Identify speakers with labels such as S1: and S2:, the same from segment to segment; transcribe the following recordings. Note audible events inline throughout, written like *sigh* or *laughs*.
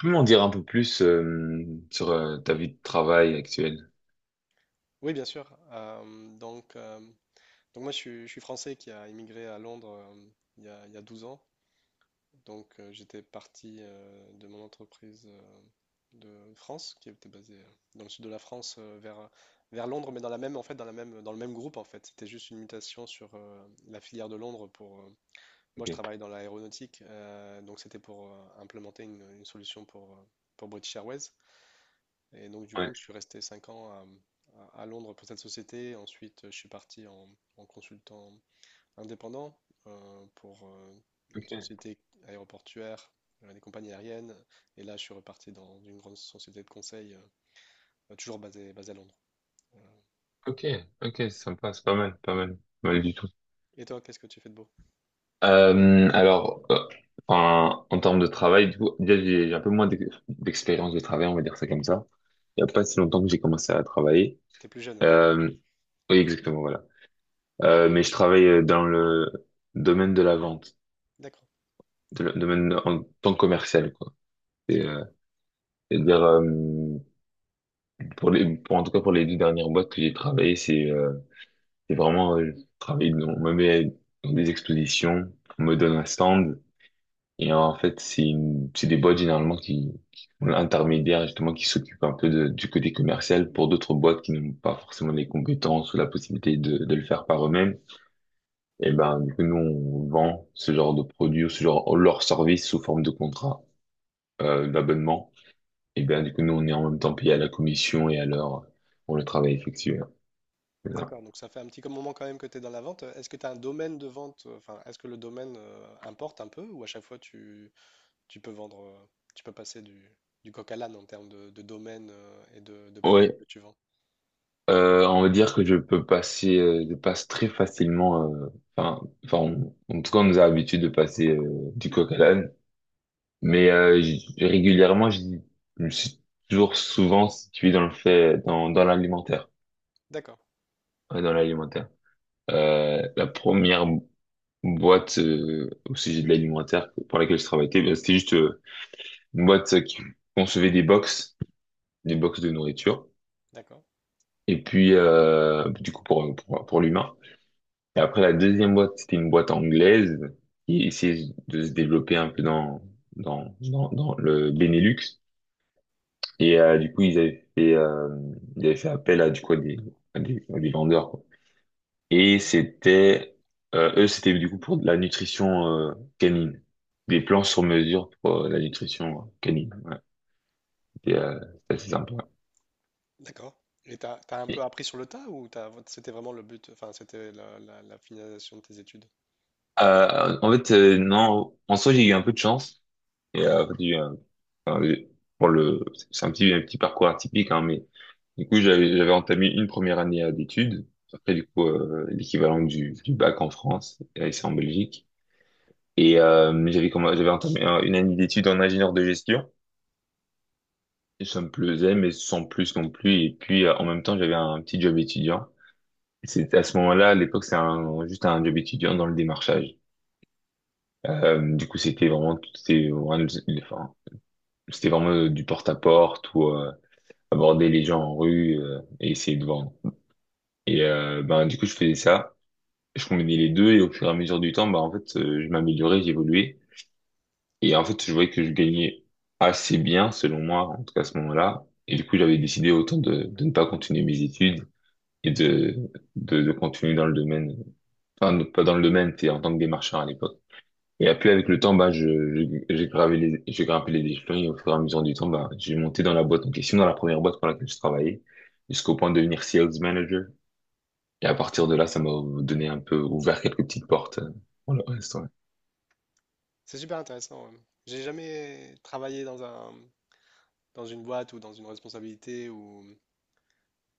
S1: Peux m'en dire un peu plus sur ta vie de travail actuelle?
S2: Oui, bien sûr. Donc moi, je suis français qui a immigré à Londres il y a 12 ans. Donc, j'étais parti de mon entreprise de France, qui était basée dans le sud de la France, vers Londres, mais dans la même, en fait, dans le même groupe, en fait. C'était juste une mutation sur la filière de Londres pour moi, je
S1: Ok.
S2: travaille dans l'aéronautique, donc c'était pour implémenter une solution pour British Airways. Et donc, du coup,
S1: Ouais.
S2: je suis resté 5 ans à Londres pour cette société. Ensuite, je suis parti en consultant indépendant pour une
S1: Ok.
S2: société aéroportuaire, des compagnies aériennes. Et là, je suis reparti dans une grande société de conseil, bah, toujours basée à Londres.
S1: Ok. Ok. Sympa. C'est pas mal. Pas mal. Pas mal du tout.
S2: Et toi, qu'est-ce que tu fais de beau?
S1: Alors, en termes de travail, du coup, déjà, j'ai un peu moins d'expérience de travail, on va dire ça comme ça. Il n'y a pas si longtemps que j'ai commencé à travailler.
S2: T'es plus jeune, on va dire.
S1: Euh, oui, exactement, voilà. Mais je travaille dans le domaine de la vente,
S2: D'accord,
S1: domaine en tant que commercial, quoi.
S2: d'accord,
S1: C'est-à-dire pour pour, en tout cas, pour les deux dernières boîtes que j'ai travaillées, c'est vraiment, travailler dans, on me met dans des expositions, on me donne un stand, et en fait, c'est des boîtes généralement qui ont l'intermédiaire, justement, qui s'occupent un peu du côté commercial. Pour d'autres boîtes qui n'ont pas forcément les compétences ou la possibilité de le faire par eux-mêmes, et ben, du coup, nous, on vend ce genre de produits ou ce genre, leur service sous forme de contrat, d'abonnement. Et ben, du coup, nous, on est en même temps payé à la commission et à l'heure pour le travail effectué.
S2: d'accord. Donc, ça fait un petit moment quand même que tu es dans la vente. Est-ce que tu as un domaine de vente? Enfin, est-ce que le domaine importe un peu ou à chaque fois tu peux vendre, tu peux passer du coq à l'âne en termes de domaine et de produits
S1: Ouais,
S2: que tu vends.
S1: on va dire que je peux passer, je passe très facilement, en tout cas, on nous a l'habitude de passer du coq à l'âne, mais régulièrement, je me suis toujours souvent situé dans le fait, dans l'alimentaire.
S2: D'accord,
S1: Ouais, dans l'alimentaire. La première boîte au sujet de l'alimentaire pour laquelle je travaillais, ben, c'était juste une boîte qui concevait des box de nourriture,
S2: d'accord,
S1: et puis du coup pour l'humain. Et après, la deuxième boîte, c'était une boîte anglaise qui essayait de se développer un peu dans le Benelux. Et du coup, ils avaient fait appel à, du coup, à des, à des vendeurs, quoi. Et c'était, eux, c'était du coup pour de la nutrition canine. Des plans sur mesure pour la nutrition canine. Ouais. C'était euh, c'était assez sympa.
S2: d'accord. Et t'as un peu
S1: Et,
S2: appris sur le tas ou c'était vraiment le but, enfin c'était la finalisation de tes études?
S1: en fait, non, en soi, j'ai eu un peu de chance. Et, enfin, pour le, c'est un petit parcours atypique, hein, mais du coup, j'avais entamé une première année d'études. Après, du coup, l'équivalent du bac en France, et c'est en Belgique. Et j'avais entamé une année d'études en ingénieur de gestion. Et ça me plaisait, mais sans plus non plus. Et puis, en même temps, j'avais un petit job étudiant. Et c'est à ce moment-là, à l'époque, juste un job étudiant dans le démarchage. Du coup, c'était vraiment, enfin, c'était vraiment du porte-à-porte ou aborder les gens en rue et essayer de vendre. Et ben du coup je faisais ça, je combinais les deux et au fur et à mesure du temps, ben en fait je m'améliorais, j'évoluais et en fait je voyais que je gagnais assez bien selon moi en tout cas à ce moment-là et du coup j'avais décidé autant de ne pas continuer mes études et de, de continuer dans le domaine, enfin non, pas dans le domaine, c'était en tant que démarcheur à l'époque. Et après, avec le temps, bah, j'ai grimpé les échelons et au fur et à mesure du temps, bah, j'ai monté dans la boîte en question, dans la première boîte pour laquelle je travaillais, jusqu'au point de devenir sales manager. Et à partir de là, ça m'a donné un peu, ouvert quelques petites portes pour le reste, ouais.
S2: C'est super intéressant. Ouais. J'ai jamais travaillé dans dans une boîte ou dans une responsabilité ou,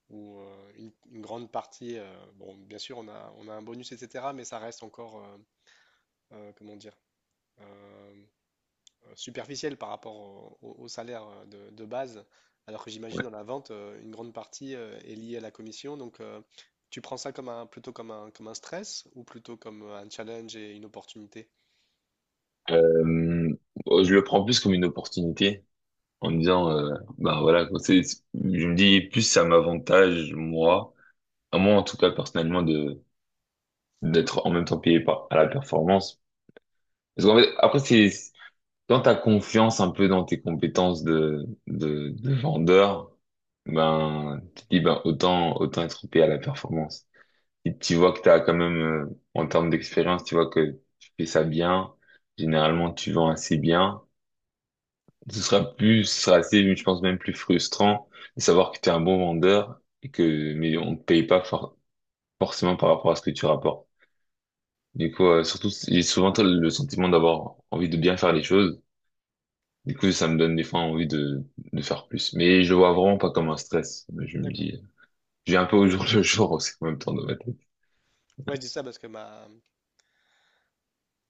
S2: ou euh, une grande partie. Bon, bien sûr, on a un bonus, etc., mais ça reste encore, comment dire, superficielle par rapport au salaire de base, alors que j'imagine
S1: Ouais.
S2: dans la vente, une grande partie est liée à la commission. Donc, tu prends ça plutôt comme un stress ou plutôt comme un challenge et une opportunité?
S1: Euh, je le prends plus comme une opportunité en me disant, bah voilà, je me dis plus ça m'avantage, moi, à moi en tout cas personnellement, de d'être en même temps payé par, à la performance. Parce qu'en fait, après, c'est quand tu as confiance un peu dans tes compétences de vendeur, ben, tu te dis, ben, autant, autant être payé à la performance. Si tu vois que tu as quand même, en termes d'expérience, tu vois que tu fais ça bien, généralement tu vends assez bien, ce sera plus, ce sera assez, je pense même plus frustrant de savoir que tu es un bon vendeur et que, mais on te paye pas forcément par rapport à ce que tu rapportes. Du coup, surtout, j'ai souvent le sentiment d'avoir envie de bien faire les choses. Du coup, ça me donne des fois envie de faire plus. Mais je le vois vraiment pas comme un stress. Mais je me
S2: D'accord.
S1: dis, je vis un peu au jour le jour aussi en même temps dans ma tête.
S2: Ouais, je dis ça parce que ma,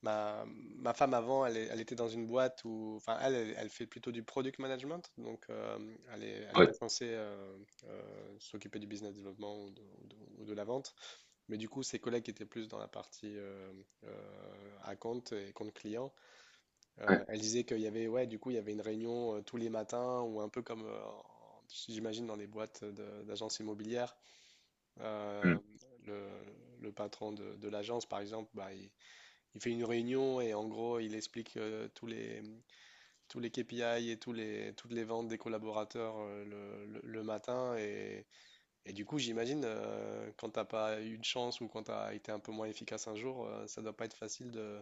S2: ma, ma femme avant, elle était dans une boîte où, enfin, elle fait plutôt du product management, donc elle est pas
S1: Ouais,
S2: censée s'occuper du business développement ou de la vente. Mais du coup, ses collègues qui étaient plus dans la partie account et compte client,
S1: ouais,
S2: elle disait qu'il y avait, ouais, du coup, il y avait une réunion tous les matins ou un peu comme, j'imagine, dans les boîtes d'agences immobilières.
S1: hmm,
S2: euh, le, le patron de l'agence, par exemple, bah, il fait une réunion et en gros, il explique tous les KPI et toutes les ventes des collaborateurs le matin. Et du coup, j'imagine, quand t'as pas eu de chance ou quand t'as été un peu moins efficace un jour, ça doit pas être facile de,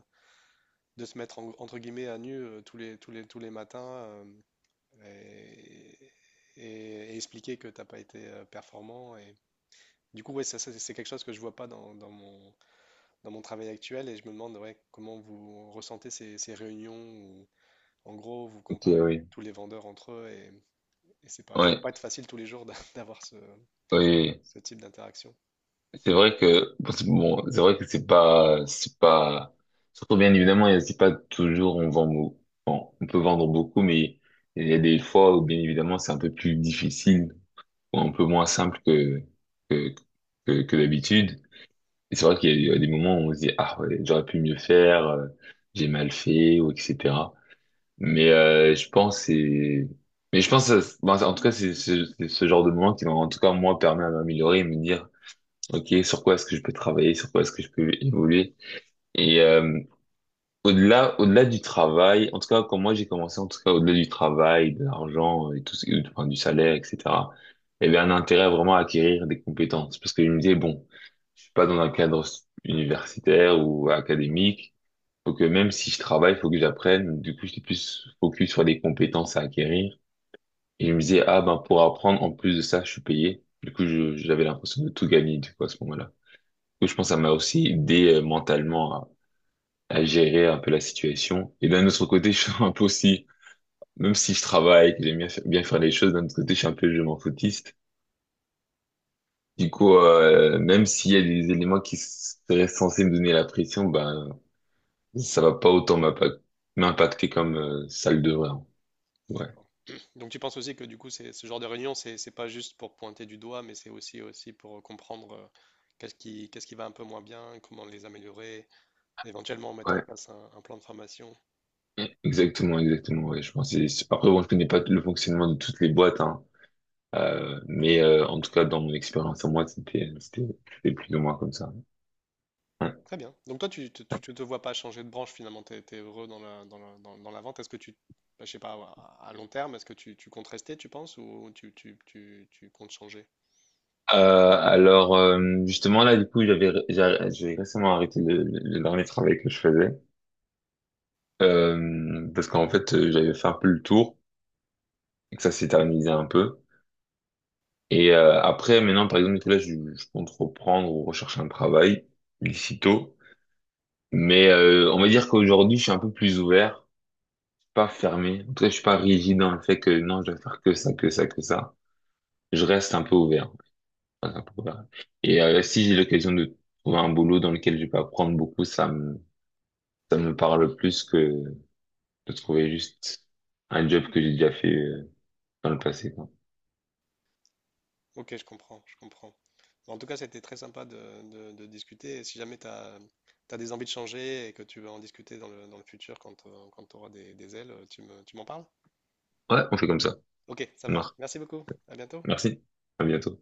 S2: de se mettre entre guillemets à nu tous les matins et, et expliquer que t'as pas été performant. Du coup, ouais, c'est quelque chose que je vois pas dans, dans mon travail actuel et je me demande ouais, comment vous ressentez ces réunions où, en gros, vous
S1: ok,
S2: comparez
S1: oui.
S2: tous les vendeurs entre eux et c'est pas, ça doit
S1: Ouais,
S2: pas être facile tous les jours *laughs* d'avoir ce,
S1: oui. Oui.
S2: ce type d'interaction.
S1: C'est vrai que, bon, c'est vrai que c'est pas, surtout bien évidemment, c'est pas toujours on vend, bon, on peut vendre beaucoup, mais il y a des fois où bien évidemment c'est un peu plus difficile ou un peu moins simple que, que, que d'habitude. Et c'est vrai qu'il y a eu des moments où on se dit, ah ouais, j'aurais pu mieux faire, j'ai mal fait, ou etc. Mais euh, je pense c'est... Mais je pense, bon, en tout cas, c'est ce genre de moment qui, en tout cas, moi, permet à m'améliorer et me dire, OK, sur quoi est-ce que je peux travailler, sur quoi est-ce que je peux évoluer. Et, au-delà du travail, en tout cas, quand moi j'ai commencé, en tout cas, au-delà du travail, de l'argent et tout, enfin, du salaire, etc., il y avait un intérêt vraiment à acquérir des compétences. Parce que je me disais, bon, je suis pas dans un cadre universitaire ou académique. Faut que même si je travaille, faut que j'apprenne. Du coup, j'étais plus focus sur des compétences à acquérir. Et je me disais, ah ben, pour apprendre, en plus de ça, je suis payé. Du coup, j'avais l'impression de tout gagner, du coup, à ce moment-là. Du coup, je pense que ça m'a aussi aidé mentalement à gérer un peu la situation. Et d'un autre côté, *laughs* je suis un peu aussi, même si je travaille, que j'aime bien, bien faire les choses, d'un autre côté, je suis un peu je m'en foutiste. Du coup, même s'il y a des éléments qui seraient censés me donner la pression, ben, ça va pas autant m'impacter comme ça le devrait. Hein. Ouais.
S2: D'accord. *clears throat* Donc tu penses aussi que du coup, ce genre de réunion, c'est pas juste pour pointer du doigt, mais c'est aussi pour comprendre qu'est-ce qui va un peu moins bien, comment les améliorer, éventuellement mettre en
S1: Ouais.
S2: place un plan de formation.
S1: Exactement, exactement, ouais, je pense. Après, bon, je connais pas le fonctionnement de toutes les boîtes, hein. Mais en tout cas, dans mon expérience, à moi, c'était plus ou moins comme ça. Ouais.
S2: Très bien. Donc toi, tu te vois pas changer de branche finalement, tu es heureux dans la vente. Est-ce que bah, je sais pas, à long terme, est-ce que tu comptes rester, tu penses, ou tu comptes changer?
S1: Alors justement là du coup j'ai récemment arrêté le dernier travail que je faisais parce qu'en fait j'avais fait un peu le tour et que ça s'éternisait un peu et après maintenant par exemple je compte reprendre ou rechercher un travail d'ici tôt mais on va dire qu'aujourd'hui je suis un peu plus ouvert pas fermé en tout cas je suis pas rigide dans le fait que non je dois faire que ça que ça que ça je reste un peu ouvert. Je reste un peu ouvert. Et si j'ai l'occasion de trouver un boulot dans lequel je peux apprendre beaucoup ça me parle plus que de trouver juste un job que j'ai déjà fait dans le passé, quoi.
S2: Ok, je comprends, je comprends. Bon, en tout cas, c'était très sympa de discuter. Et si jamais tu as, des envies de changer et que tu veux en discuter dans le futur quand, tu auras des ailes, tu m'en parles?
S1: Ouais, on fait comme ça.
S2: Ok, ça marche.
S1: Marc,
S2: Merci beaucoup. À bientôt.
S1: merci. À bientôt.